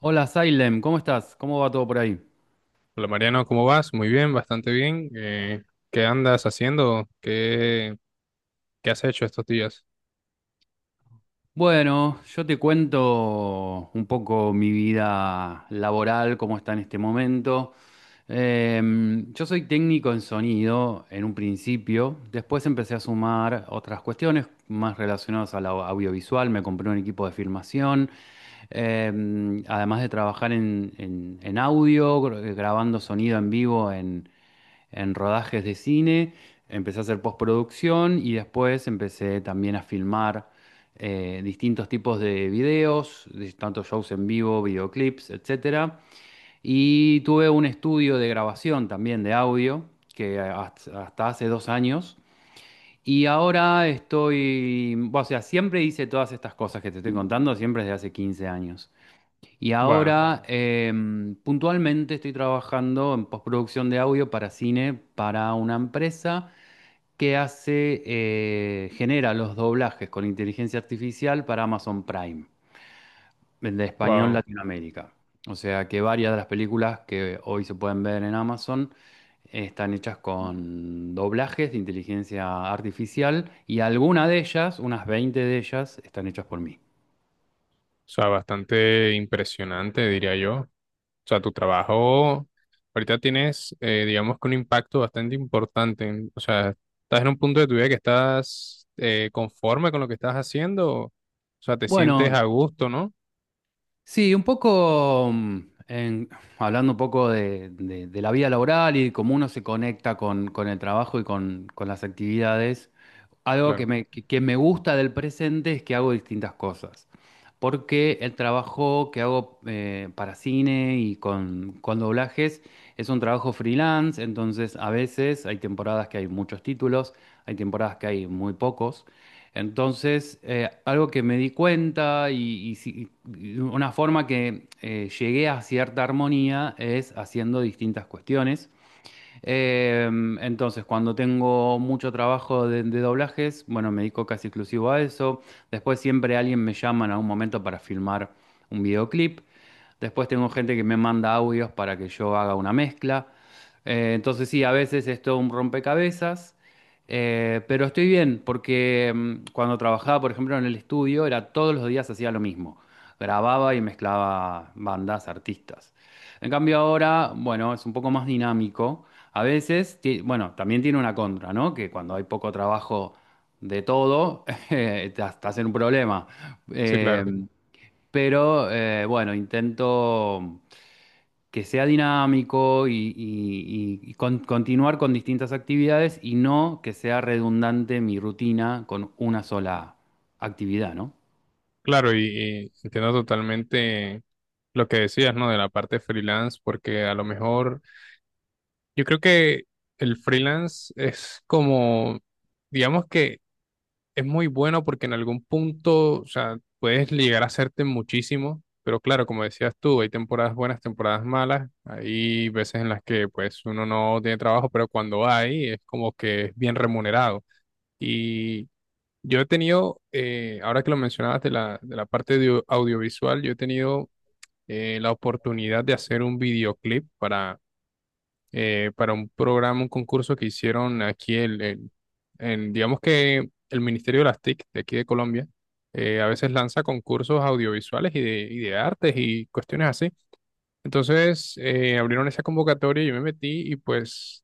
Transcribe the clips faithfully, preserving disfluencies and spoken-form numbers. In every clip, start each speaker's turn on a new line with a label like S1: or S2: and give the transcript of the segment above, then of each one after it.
S1: Hola Salem, ¿cómo estás? ¿Cómo va todo por ahí?
S2: Hola Mariano, ¿cómo vas? Muy bien, bastante bien. Eh, ¿qué andas haciendo? ¿Qué, ¿qué has hecho estos días?
S1: Bueno, yo te cuento un poco mi vida laboral, cómo está en este momento. Em, yo soy técnico en sonido en un principio, después empecé a sumar otras cuestiones más relacionadas a la au- audiovisual, me compré un equipo de filmación, em, además de trabajar en, en en audio, gr- grabando sonido en vivo en rodajes de cine, empecé a hacer postproducción y después empecé también a filmar eh, distintos tipos de videos, de- tanto shows en vivo, videoclips, etcétera. Y tuve un estudio de grabación también de audio, que hasta hasta hace dos años. Y ahora estoy, o sea, siempre hice todas estas cosas que te estoy contando, siempre desde hace quince años. Y
S2: Wow,
S1: ahora, em, puntualmente, estoy trabajando en postproducción de audio para cine para una empresa que hace, eh, genera los doblajes con inteligencia artificial para Amazon Prime, el de español
S2: wow. O
S1: Latinoamérica. O sea que varias de las películas que hoy se pueden ver en Amazon están hechas con doblajes de inteligencia artificial y alguna de ellas, unas veinte de ellas, están hechas por mí.
S2: sea, bastante impresionante, diría yo. O sea, tu trabajo ahorita tienes, eh, digamos que un impacto bastante importante. en- O sea, ¿estás en un punto de tu vida que estás eh, conforme con lo que estás haciendo? O sea, te sientes
S1: Bueno,
S2: a gusto, ¿no?
S1: sí, un poco, mm, en- hablando un poco de, de- de la vida laboral y cómo uno se conecta con, con el trabajo y con, con las actividades. Algo que
S2: Claro,
S1: me, que que me gusta del presente es que hago distintas cosas. Porque el trabajo que hago eh, para cine y con, con doblajes es un trabajo freelance, entonces a veces hay temporadas que hay muchos títulos, hay temporadas que hay muy pocos. Entonces, eh, algo que me di cuenta y, y si- y una forma que eh, llegué a cierta armonía es haciendo distintas cuestiones. Eh, entonces, cuando tengo mucho trabajo de, de doblajes, bueno, me dedico casi exclusivo a eso. Después siempre alguien me llama en algún momento para filmar un videoclip. Después tengo gente que me manda audios para que yo haga una mezcla. Eh, entonces sí, a veces es todo un rompecabezas, eh, pero estoy bien porque, mm, cuando trabajaba, por ejemplo, en el estudio, era todos los días hacía lo mismo. Grababa y mezclaba bandas, artistas. En cambio ahora, bueno, es un poco más dinámico. A veces, ti- bueno, también tiene una contra, ¿no? Que cuando hay poco trabajo de todo, eh, te- estás en un problema.
S2: sí,
S1: Eh,
S2: claro.
S1: pero eh, bueno, intento que sea dinámico y, y- y- y con- continuar con distintas actividades y no que sea redundante mi rutina con una sola actividad, ¿no?
S2: Claro, y, y entiendo totalmente lo que decías, ¿no? De la parte freelance, porque a lo mejor yo creo que el freelance es como, digamos que es muy bueno porque en algún punto, o sea, puedes llegar a hacerte muchísimo, pero claro, como decías tú, hay temporadas buenas, temporadas malas, hay veces en las que pues uno no tiene trabajo, pero cuando hay es como que es bien remunerado. Yo he tenido, eh, ahora que lo mencionabas de la, de la parte de audiovisual, yo he tenido eh, la oportunidad de hacer un videoclip para, eh, para un programa, un concurso que hicieron aquí, el, el- en, digamos que el Ministerio de las T I C de aquí de Colombia, eh, a veces lanza concursos audiovisuales y de, y de artes y cuestiones así. Entonces, eh, abrieron esa convocatoria, yo me metí y pues,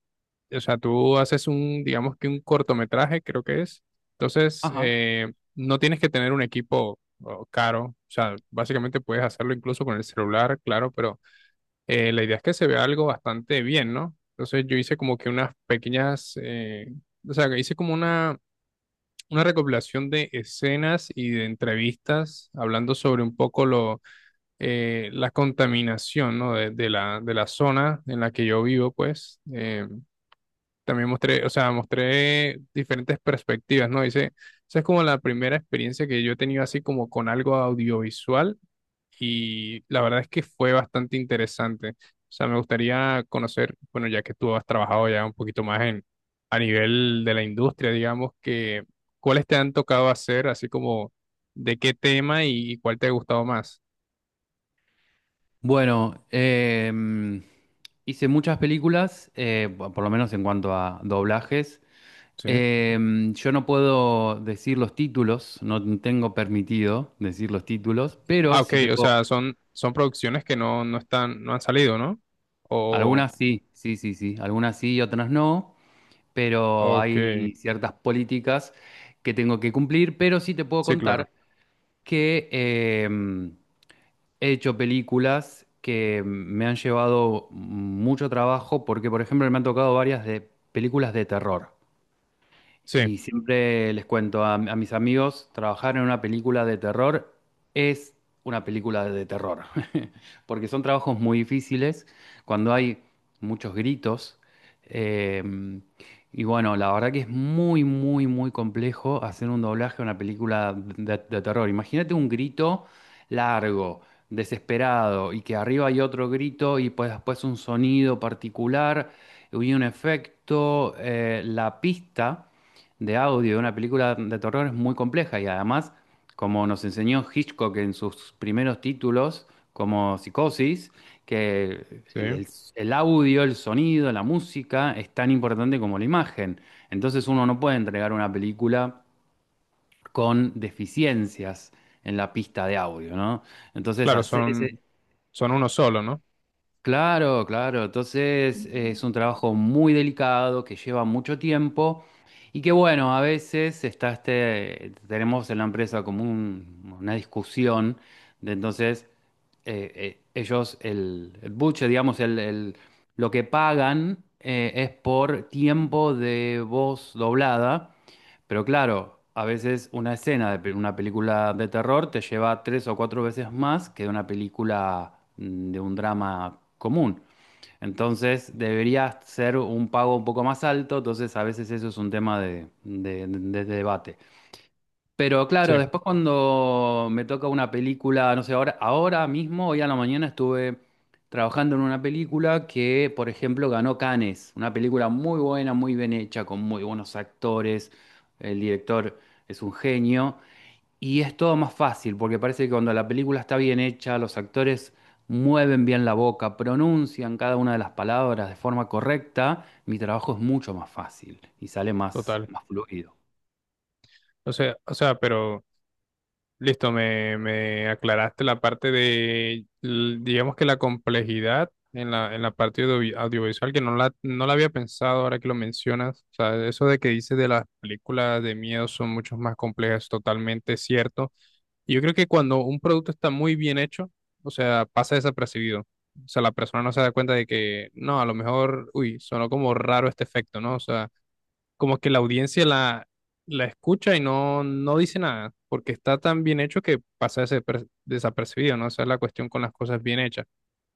S2: o sea, tú haces un, digamos que un cortometraje, creo que es. Entonces,
S1: Ajá.
S2: eh, no tienes que tener un equipo oh, caro, o sea, básicamente puedes hacerlo incluso con el celular, claro, pero eh, la idea es que se vea algo bastante bien, ¿no? Entonces, yo hice como que unas pequeñas, eh, o sea, hice como una, una recopilación de escenas y de entrevistas hablando sobre un poco lo eh, la contaminación, ¿no? De, de la, de la zona en la que yo vivo, pues, eh, también mostré, o sea, mostré diferentes perspectivas, ¿no? Dice, esa es como la primera experiencia que yo he tenido así como con algo audiovisual y la verdad es que fue bastante interesante. O sea, me gustaría conocer, bueno, ya que tú has trabajado ya un poquito más en, a nivel de la industria, digamos, que, ¿cuáles te han tocado hacer, así como de qué tema y cuál te ha gustado más?
S1: Bueno, em, hice muchas películas, eh, por por lo menos en cuanto a doblajes.
S2: Sí.
S1: Em, yo no puedo decir los títulos, no tengo permitido decir los títulos, pero
S2: Ah, ok,
S1: sí te
S2: o
S1: puedo.
S2: sea, son, son producciones que no, no están, no han salido, ¿no? O,
S1: Algunas sí, sí, sí, sí, algunas sí y otras no, pero
S2: ok,
S1: hay ciertas políticas que tengo que cumplir, pero sí te puedo
S2: sí, claro,
S1: contar que, em, he hecho películas que me han llevado mucho trabajo, porque por ejemplo me han tocado varias de películas de terror.
S2: sí,
S1: Y siempre les cuento a, a mis amigos, trabajar en una película de terror es una película de terror, porque son trabajos muy difíciles cuando hay muchos gritos. eh, y bueno, la verdad que es muy, muy, muy complejo hacer un doblaje a una película de, de terror. Imagínate un grito largo, desesperado, y que arriba hay otro grito y pues después un sonido particular y un efecto. Eh, la pista de audio de una película de terror es muy compleja y además, como nos enseñó Hitchcock en sus primeros títulos, como Psicosis, que
S2: sí,
S1: el, el- el audio, el sonido, la música es tan importante como la imagen. Entonces uno no puede entregar una película con deficiencias en la pista de audio, ¿no? Entonces
S2: claro,
S1: hacer ese...
S2: son, son uno solo, ¿no?
S1: Claro, claro. Entonces es un trabajo muy delicado que lleva mucho tiempo y que bueno, a veces está este, tenemos en la empresa como un- una discusión de entonces, eh, eh, ellos, el, el buche, digamos, el, el- lo que pagan eh, es por tiempo de voz doblada, pero claro, a veces una escena de pe- una película de terror te lleva tres o cuatro veces más que de una película, mm, de un drama común. Entonces debería ser un pago un poco más alto, entonces a veces eso es un tema de, de- de- de debate. Pero
S2: Sí,
S1: claro, después cuando me toca una película, no sé, ahora, ahora mismo, hoy a la mañana estuve trabajando en una película que, por ejemplo, ganó Cannes, una película muy buena, muy bien hecha, con muy buenos actores, el director es un genio, y es todo más fácil, porque parece que cuando la película está bien hecha, los actores mueven bien la boca, pronuncian cada una de las palabras de forma correcta, mi trabajo es mucho más fácil y sale más,
S2: total.
S1: más fluido.
S2: O sea, o sea, pero listo, me, me aclaraste la parte de, l- digamos que la complejidad en la, en la parte audio- audiovisual, que no la, no la había pensado ahora que lo mencionas. O sea, eso de que dices de las películas de miedo son mucho más complejas, totalmente cierto. Yo creo que cuando un producto está muy bien hecho, o sea, pasa desapercibido. O sea, la persona no se da cuenta de que, no, a lo mejor, uy, sonó como raro este efecto, ¿no? O sea, como que la audiencia la, la escucha y no, no dice nada, porque está tan bien hecho que pasa desaper- desapercibido, ¿no? Esa es la cuestión con las cosas bien hechas.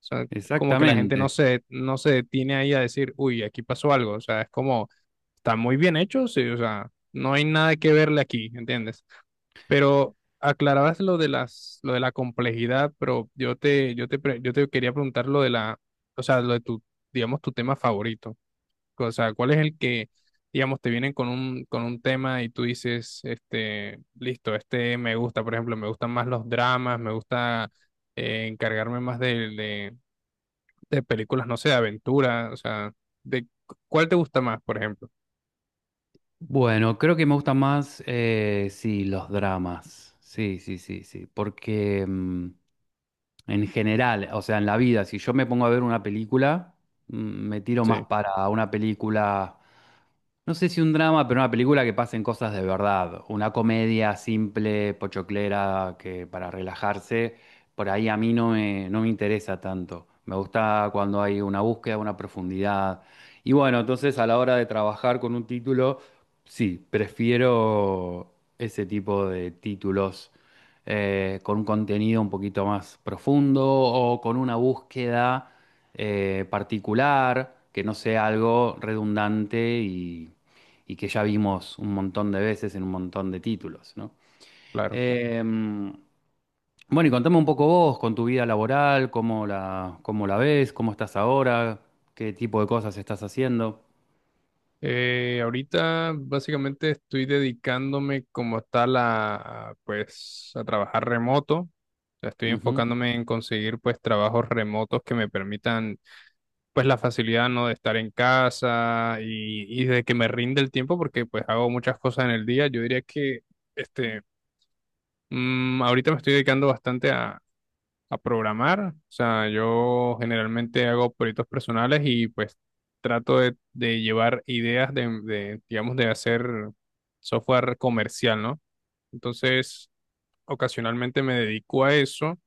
S2: O sea, como que la gente no
S1: Exactamente.
S2: se, no se detiene ahí a decir, uy, aquí pasó algo. O sea, es como están muy bien hechos, sí, o sea, no hay nada que verle aquí, ¿entiendes? Pero aclarabas lo de las, lo de la complejidad, pero yo te, yo te, pre- yo te quería preguntar lo de la, o sea, lo de tu, digamos, tu tema favorito. O sea, ¿cuál es el que, digamos, te vienen con un, con un tema y tú dices, este, listo, este me gusta, por ejemplo, me gustan más los dramas, me gusta eh, encargarme más de, de, de películas, no sé, de aventura, o sea, de, ¿cuál te gusta más, por ejemplo?
S1: Bueno, creo que me gustan más, eh, sí, los dramas. Sí, sí, sí, sí. Porque, mm, en general, o sea, en la vida, si yo me pongo a ver una película, mm, me tiro más
S2: Sí,
S1: para una película. No sé si un drama, pero una película que pasen cosas de verdad. Una comedia simple, pochoclera, que para relajarse, por ahí a mí no me, no me interesa tanto. Me gusta cuando hay una búsqueda, una profundidad. Y bueno, entonces a la hora de trabajar con un título, sí, prefiero ese tipo de títulos eh, con un contenido un poquito más profundo o con una búsqueda eh, particular, que no sea algo redundante y y que ya vimos un montón de veces en un montón de títulos, ¿no?
S2: claro.
S1: Eh, bueno, y contame un poco vos con tu vida laboral, cómo la, cómo la ves, cómo estás ahora, qué tipo de cosas estás haciendo.
S2: Eh, ahorita básicamente estoy dedicándome como tal a, pues, a trabajar remoto. O sea, estoy
S1: Ujú.
S2: enfocándome en conseguir pues trabajos remotos que me permitan pues la facilidad, ¿no? de estar en casa y, y de que me rinde el tiempo porque pues hago muchas cosas en el día. Yo diría que este, mm, ahorita me estoy dedicando bastante a programar. O sea, yo generalmente hago proyectos personales y pues trato de, de llevar ideas de, de, digamos, de hacer software comercial, ¿no? Entonces, ocasionalmente me dedico a eso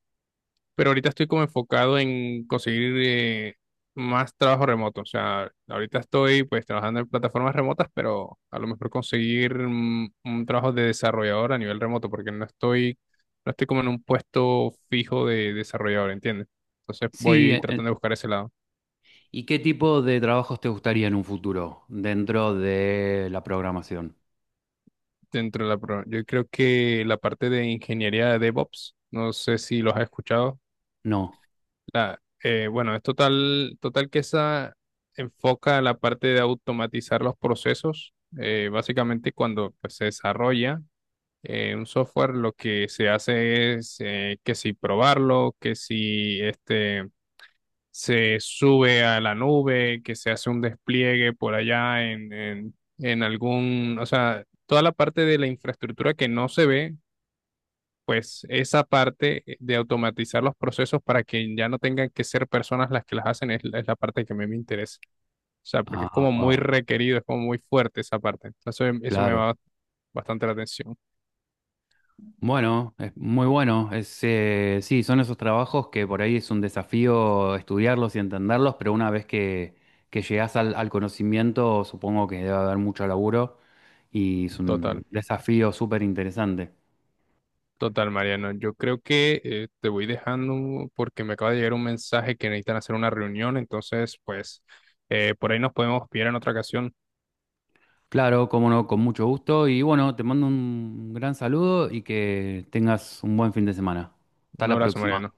S2: pero ahorita estoy como enfocado en conseguir eh, más trabajo remoto. O sea, ahorita estoy pues trabajando en plataformas remotas, pero a lo mejor conseguir mm, un trabajo de desarrollador a nivel remoto, porque no estoy, no estoy como en un puesto fijo de desarrollador, ¿entiendes? Entonces
S1: Sí,
S2: voy
S1: eh, eh,
S2: tratando de buscar ese lado
S1: ¿y qué tipo de trabajos te gustaría en un futuro dentro de la programación?
S2: dentro de la... pro- Yo creo que la parte de ingeniería de DevOps, no sé si los has escuchado.
S1: No.
S2: La- eh, bueno, es total, total que esa enfoca la parte de automatizar los procesos. Eh, básicamente cuando pues, se desarrolla eh, un software, lo que se hace es eh, que si probarlo, que si este, se sube a la nube, que se hace un despliegue por allá en, en, en algún, o sea, toda la parte de la infraestructura que no se ve pues esa parte de automatizar los procesos para que ya no tengan que ser personas las que las hacen es, la es la parte que a mí me interesa. O sea, porque es
S1: Ah,
S2: como muy
S1: wow,
S2: requerido, es como muy fuerte esa parte. Entonces, eso me
S1: claro.
S2: va bastante la atención.
S1: Bueno, es muy bueno. Es, eh, sí, son esos trabajos que por ahí es un desafío estudiarlos y entenderlos, pero una vez que, que llegás al, al conocimiento, supongo que debe haber mucho laburo y es
S2: Total,
S1: un desafío súper interesante.
S2: total, Mariano. Yo creo que eh, te voy dejando porque me acaba de llegar un mensaje que necesitan hacer una reunión. Entonces, pues, eh, por ahí nos podemos pillar en otra ocasión.
S1: Claro, cómo no, con mucho gusto. Y bueno, te mando un gran saludo y que tengas un buen fin de semana. Hasta
S2: Un
S1: la
S2: abrazo,
S1: próxima.
S2: Mariano.